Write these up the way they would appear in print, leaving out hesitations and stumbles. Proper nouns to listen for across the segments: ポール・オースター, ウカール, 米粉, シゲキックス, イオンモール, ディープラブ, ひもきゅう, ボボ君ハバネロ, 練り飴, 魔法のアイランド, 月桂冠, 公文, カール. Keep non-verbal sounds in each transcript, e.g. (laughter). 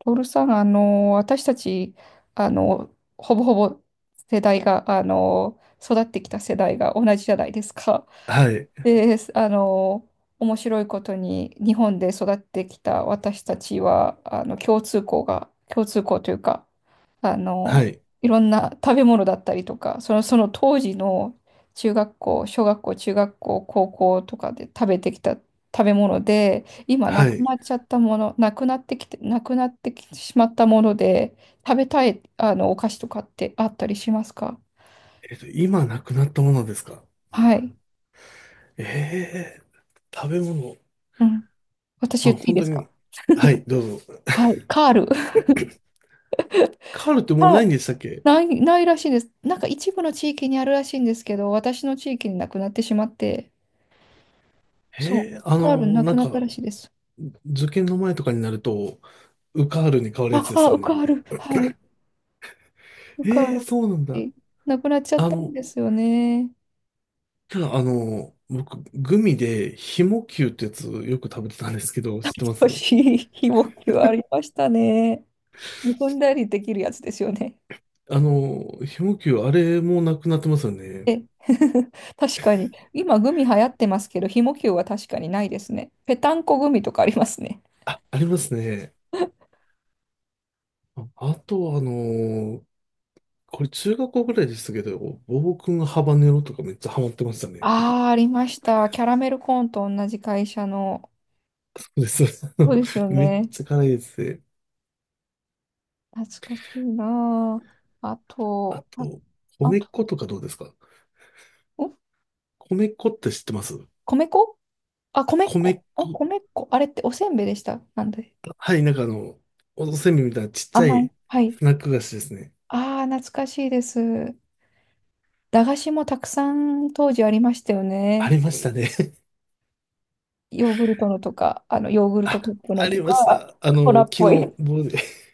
トールさん、私たち、あの、ほぼほぼ世代が、あの、育ってきた世代が同じじゃないですか。はい、で、面白いことに日本で育ってきた私たちは、共通項というか、あはの、い、いろんな食べ物だったりとか、その当時の中学校、小学校、中学校、高校とかで食べてきた食べ物で、今なはくい。なっちゃったもの、なくなってきてしまったもので、食べたい、お菓子とかってあったりしますか？今なくなったものですか？はい。ええー食べ物。うん。私ま言あ、っていい本で当すか？に。はい、どうぞ。はい。カール。(laughs) カールってもうないんカでしたっけ？ないらしいんです。なんか一部の地域にあるらしいんですけど、私の地域になくなってしまって、そえう、え、カールなくなったらしいです。受験の前とかになると、ウカールに変わるやつあ、ですあ、よウカね。ール、はい、ウカーええ、ル。そうなんだ。えなくなっちゃっあたんの、ですよね。ただ、僕、グミで、ひもきゅうってやつよく食べてたんですけど、知ってま少す？しひもきはありましたね。むくんだりできるやつですよね。ひもきゅう、あれもなくなってますよね。え、(laughs) 確かに。今、グミ流行ってますけど、ひもきゅうは確かにないですね。ぺたんこグミとかありますね。あ、ありますね。ああと、これ中学校ぐらいでしたけど、ボボ君ハバネロとかめっちゃハマってましたね。ああ、ありました。キャラメルコーンと同じ会社の。(laughs) そうです。(laughs) そうですよめっね。ちゃ辛いですね。懐かしいなあ。ああと、と、あ米と、粉とかどうですか？ん米粉って知ってます？米粉米粉。米粉。米粉。あれっておせんべいでした。なんで。はい、おせんべいみたいなちっちゃ甘い。いはい。スナック菓子ですね。ああ、懐かしいです。駄菓子もたくさん当時ありましたよあね。りましたね。ヨーグルトのとか、ヨーグ (laughs) ルトあ、カップのあとりましか、た。コラっ昨日、ぽい。僕で、(laughs)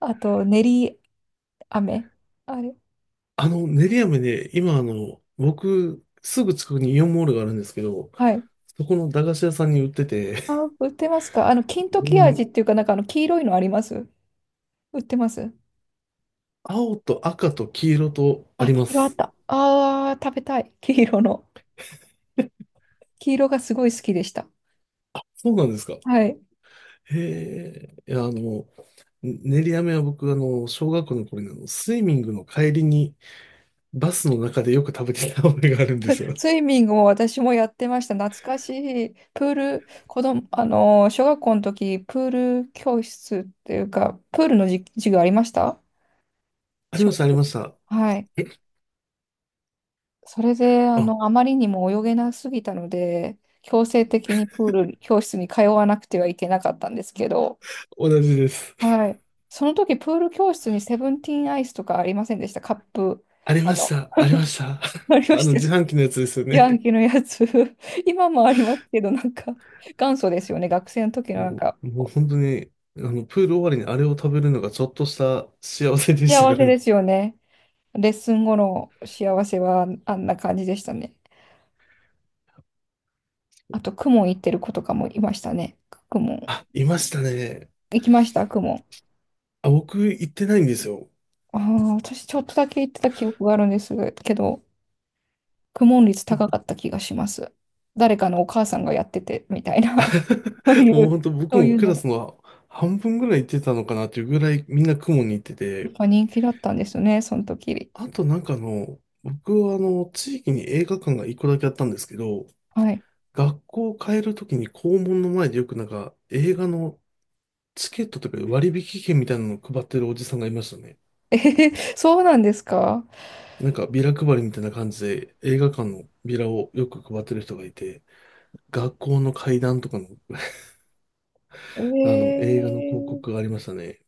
あと、練り飴。あれ。練り飴で、今僕、すぐ近くにイオンモールがあるんですけど、はい。そこの駄菓子屋さんに売ってて、あ、売ってますか？金 (laughs) う時味ん、っていうか、なんか黄色いのあります？売ってます？青と赤と黄色とああ、り黄ま色あっす。た。ああ、食べたい。黄色の。黄色がすごい好きでした。そうなんですか。はい。へえ、いや、練り飴は僕、小学校の頃に、スイミングの帰りに、バスの中でよく食べてた覚えがあるんですよ。(laughs) スイミングも私もやってました。懐かしい。プール、子供、小学校の時、プール教室っていうか、プールの授業ありました？あり小まし学た、あり校？ました。はい。えそれで、あ、あまりにも泳げなすぎたので、強制的にプール教室に通わなくてはいけなかったんですけど、同じです。はい。その時、プール教室にセブンティーンアイスとかありませんでした？カップ、ありあましの、た、ありました。(laughs) あり (laughs) ましたよ自ね？販機のやつですよね。ヤンキーのやつ。 (laughs) 今もありますけど、なんか、元祖ですよね。学生の時のなんもか、う、もう本当に、プール終わりにあれを食べるのがちょっとした幸せでし幸たかせらでね。すよね。レッスン後の幸せはあんな感じでしたね。あと、公文行ってる子とかもいましたね。公文。あ、いましたね。行きました、公文。あ、僕行ってないんですよ。ああ、私ちょっとだけ行ってた記憶があるんですけど、公文率で、 高かった気がします。誰かのお母さんがやってて、みたいな。(laughs) そうい (laughs) もうう、本当僕そういもうクのラで、スの半分ぐらい行ってたのかなっていうぐらいみんな公文に行ってやって、ぱ人気だったんですね、その時。あと僕は地域に映画館が一個だけあったんですけど、はい。学校を変えるときに校門の前でよく映画のチケットとか割引券みたいなのを配ってるおじさんがいましたね。えへへ、そうなんですか？ビラ配りみたいな感じで映画館のビラをよく配ってる人がいて、学校の階段とかのあのえ映画の広え、告がありましたね。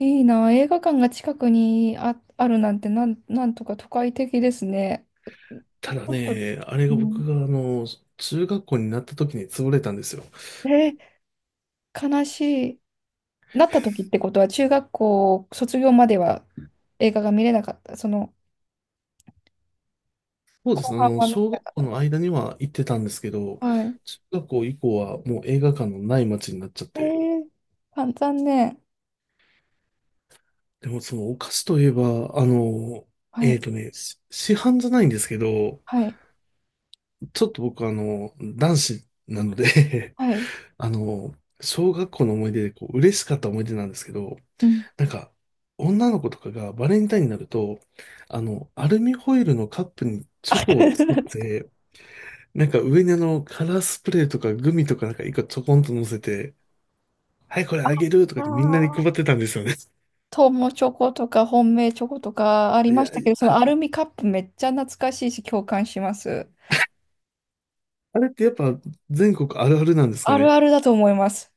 いいな。映画館が近くにあるなんてなんとか都会的ですね。ちただょっと、ね、あれうがん、僕が中学校になった時に潰れたんですよ。え悲しい。なった時ってことは、中学校卒業までは映画が見れなかった。その、そうです後ね。半は見れ小な学か校っの間には行ってたんですけど、た。はい。中学校以降はもう映画館のない街になっちゃっえて。ー、あ、残念。でもそのお菓子といえば、はい、市販じゃないんですけど、はい、ちょっと僕男子なので はい。(laughs) あの、小学校の思い出でこう、嬉しかった思い出なんですけど、うん。なんか、女の子とかがバレンタインになると、アルミホイルのカップにあ、チョコ (laughs) を懐作っかしい。て、上にカラースプレーとかグミとか一個ちょこんと乗せて、はい、これあげるとあかってみんなにー配ってたんですよね。(laughs) トモチョコとか本命チョコとかありいましや、たけど、そのあ、アルミカップめっちゃ懐かしいし共感します。あれってやっぱ全国あるあるなんですかあるね。あるだと思います。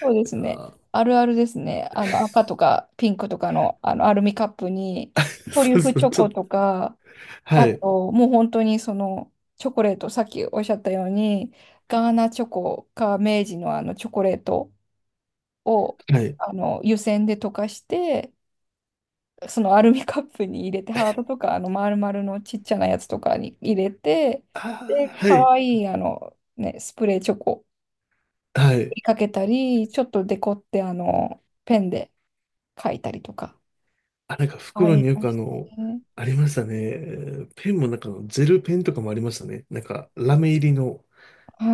そうですね。ああるあるですね。あの赤とかピンクとかの、あのアルミカップにー、 (laughs)、トリそュうフそう、チョちょっコと、とか、はあい、ともう本当にそのチョコレート、さっきおっしゃったように、ガーナチョコか明治のあのチョコレートをはい。あの湯煎で溶かして、そのアルミカップに入れて、ハートとか、丸々のちっちゃなやつとかに入れて、ああ、で、は可い、愛い、ね、スプレーチョコはい。にかけたり、ちょっとデコって、ペンで書いたりとか。あ、あ袋りによまくしたね。ありましたね。ペンもジェルペンとかもありましたね。ラメ入りの。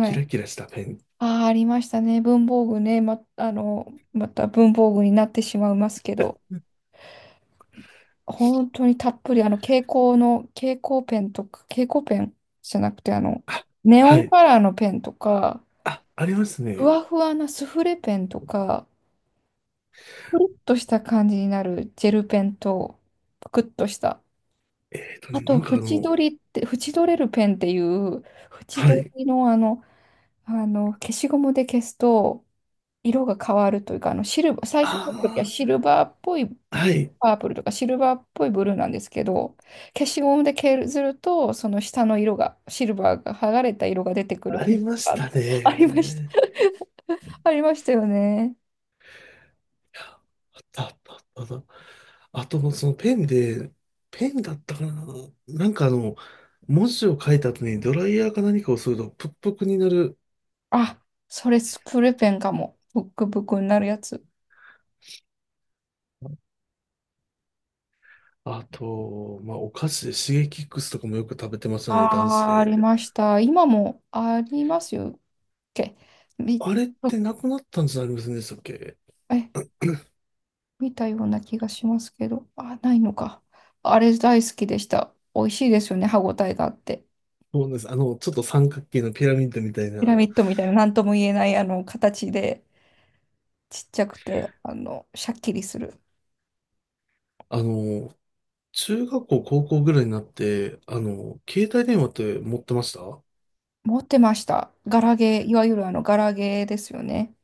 キい。ラキラしたペン。ああ、ありましたね。文房具ね。ま、あの、また文房具になってしまいますけど、本当にたっぷり、蛍光ペンとか、蛍光ペンじゃなくて、あ、ネオはンい。カラーのペンとか、あ、ありますふね。わふわなスフレペンとか、ぷるっとした感じになるジェルペンと、ぷくっとした。えっとあね、なと、んかあ縁の、取りって、縁取れるペンっていう、縁は取い。りの消しゴムで消すと、色が変わるというか、シルバー、最あ初の時はシルバーっぽいあ、はい。パープルとか、シルバーっぽいブルーなんですけど、消しゴムで削ると、その下の色が、シルバーが剥がれた色が出てくるあペりンまがしあったて、ありました。ね。(laughs) ありましたよね。あったあったあったあった。あと、そのペンで、ペンだったかな。なんかあの、文字を書いた後にドライヤーか何かをするとプップクになる。あ、それスプレペンかも。ブックブクになるやつ。あと、まあ、お菓子でシゲキックスとかもよく食べてましたね、男子ああ、あで。りました。今もありますよっけ？み、あれってなくなったんじゃありませんでしたっけ？え、見たような気がしますけど。あ、ないのか。あれ大好きでした。美味しいですよね。歯ごたえがあって。そうです。ちょっと三角形のピラミッドみたいピラな。ミッドみたいな何とも言えないあの形で、ちっちゃくて、シャッキリする。あの、中学校、高校ぐらいになって、携帯電話って持ってました？持ってました。ガラゲー、いわゆるあのガラゲーですよね。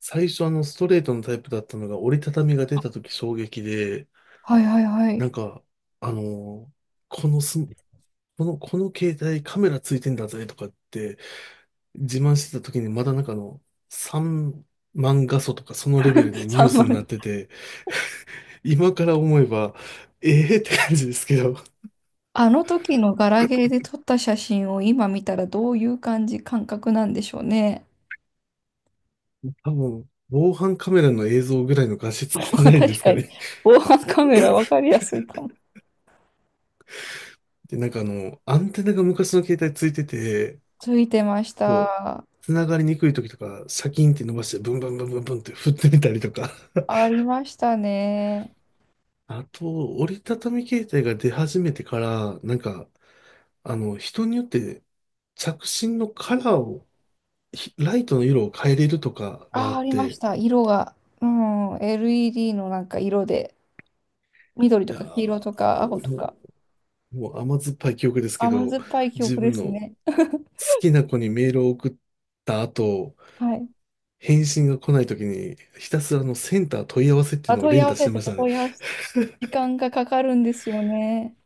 最初ストレートのタイプだったのが折りたたみが出た時衝撃で、はいはいはない。んか、あの、このス、この、この携帯カメラついてんだぜとかって自慢してた時にまだ3万画素とかそのレベルで (laughs) ニュー3スにな番。ってて、今から思えば、ええーって感じですけど、あの時のガラケーで撮った写真を今見たらどういう感覚なんでしょうね。多分、防犯カメラの映像ぐらいの画 (laughs) 質じゃないで確すかかに、ね。防犯カメラわかりやすいかも。で、アンテナが昔の携帯ついてて、ついてましこた。う、繋がりにくい時とか、シャキンって伸ばして、ブンブンブンブンブンって振ってみたりとか。(laughs) ありましたね。あと、折りたたみ携帯が出始めてから、人によって着信のカラーを、ひライトの色を変えれるとかがああ、っありまして、た。色が。うん、LED のなんか色で、緑いとやか黄色ー、とかも青とか、う、もう甘酸っぱい記憶ですけ甘ど、酸っぱい記自憶で分すの好ね。きな子にメールを送った後、はい。返信が来ないときに、ひたすらのセンター問い合わせっていあ、うのを問い連合打わしせててました、たね。問い合わせてた。時間がかかるんですよね。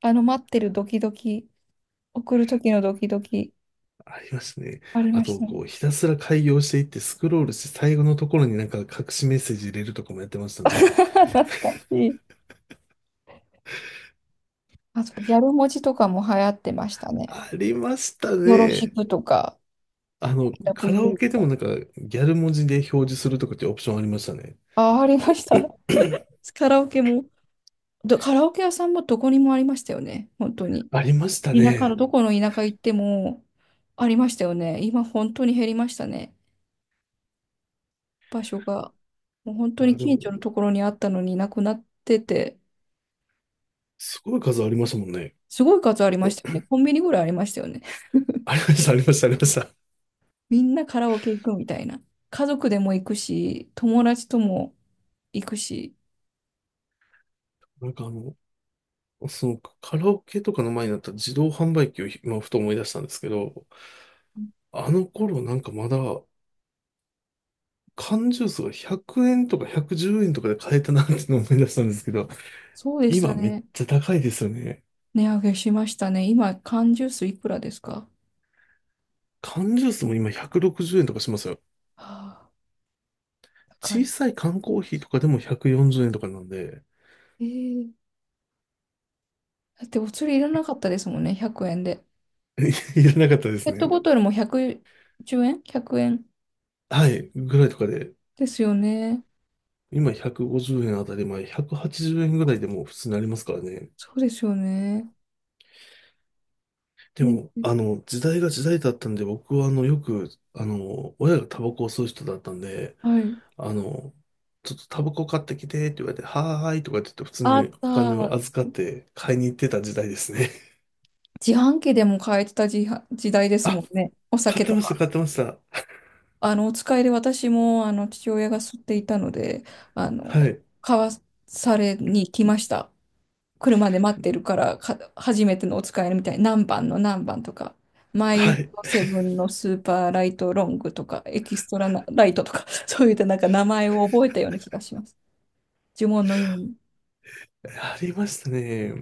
待ってるドキドキ、送る時のドキドキ、ありましたね。ありあましと、たね。こう、ひたすら開業していってスクロールして最後のところに隠しメッセージ入れるとかもやってました (laughs) ね。懐かしい。あと、ギャル文字とかも流行ってましたね。ありましたよろしね。くとか、ラブカラオユーケでともか。ギャル文字で表示するとかっていうオプションありましたね。あ、ありました。(laughs) (clears throat) カラオケも、カラオケ屋さんもどこにもありましたよね。本当に。ありました田舎のね。どこの田舎行ってもありましたよね。今、本当に減りましたね。場所が。もう本当にあ、で近も、所のところにあったのになくなってて、すごい数ありましたもんね。すごい数ありましたよね。コンビニぐらいありましたよね。ありました、ありました、ありました。みんなカラオケ行くみたいな。家族でも行くし、友達とも行くし。なんかあの、そのカラオケとかの前になった自動販売機を今ふと思い出したんですけど、あの頃まだ缶ジュースが100円とか110円とかで買えたなっていうのを思い出したんですけど、そうでし今ためっね。ちゃ高いですよね。値上げしましたね。今、缶ジュースいくらですか？缶ジュースも今160円とかしますよ。はあ、高小い。さい缶コーヒーとかでも140円とかなんで、えーだってお釣りいらなかったですもんね、100円で。(laughs) いらなかったでペすットね。ボトルも110円？ 100 円はい、ぐらいとかで、ですよね。今150円あたり前、180円ぐらいでもう普通になりますからね。そうですよね。でね、も、時代が時代だったんで、僕はよく、親がタバコを吸う人だったんで、はい。あの、ちょっとタバコ買ってきてって言われて、はーいとかって言って普通あにっお金をた。預かって買いに行ってた時代ですね。自販機でも買えてた時は、時代で (laughs) すあ、もんね。お買酒ってとました、買ってました。お使いで私も、父親が吸っていたので、あはの、い。買わされに来ました。車で待ってるから、初めてのお使いみたいに、何番の何番とか、マはイい。ドセブンのスーパーライトロングとか、エキストラなライトとか、(laughs) そういったなんか名前を覚えたような気がします。呪文のように。ありましたね。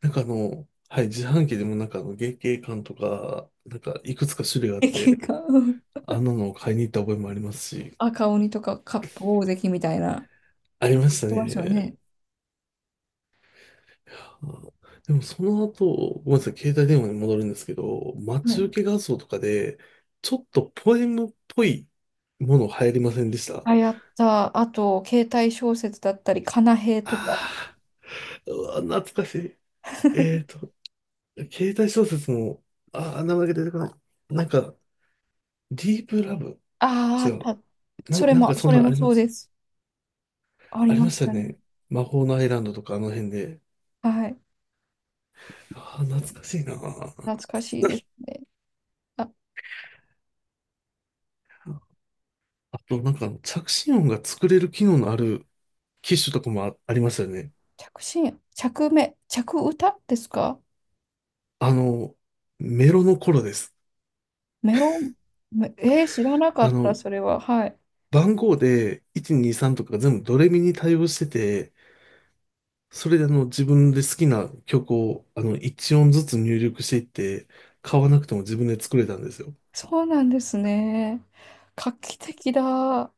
はい、自販機でも月桂冠とか、いくつか種類があっ駅て、が、(laughs) うん、あんなのを買いに行った覚えもありますし、赤鬼とかカップ大関みたいな。ありましたそうですよね。ね。あでもその後、ごめんなさい、携帯電話に戻るんですけど、待はちい。受け画像とかで、ちょっとポエムっぽいもの流行りませんでした？あ、やった。あと、携帯小説だったり、かなへいとか。ああー、うわ懐かしい。えっと、携帯小説も、ああ、名前が出てこない。なんか、ディープラブ、違あう。あ、なんかそそんなれんあもりまそうす。です。あありりままししたよたね。ね。魔法のアイランドとかあの辺で。はい。ああ、懐かしいな。(laughs) 懐かしいですね。あ、あと、着信音が作れる機能のある機種とかもありましたよね。着信、着目、着歌ですか？あの、メロの頃です。メロン、めえー知らなかあった、の、それは。はい。番号で123とかが全部ドレミに対応してて、それで自分で好きな曲を1音ずつ入力していって、買わなくても自分で作れたんですよ。そうなんですね。画期的だ。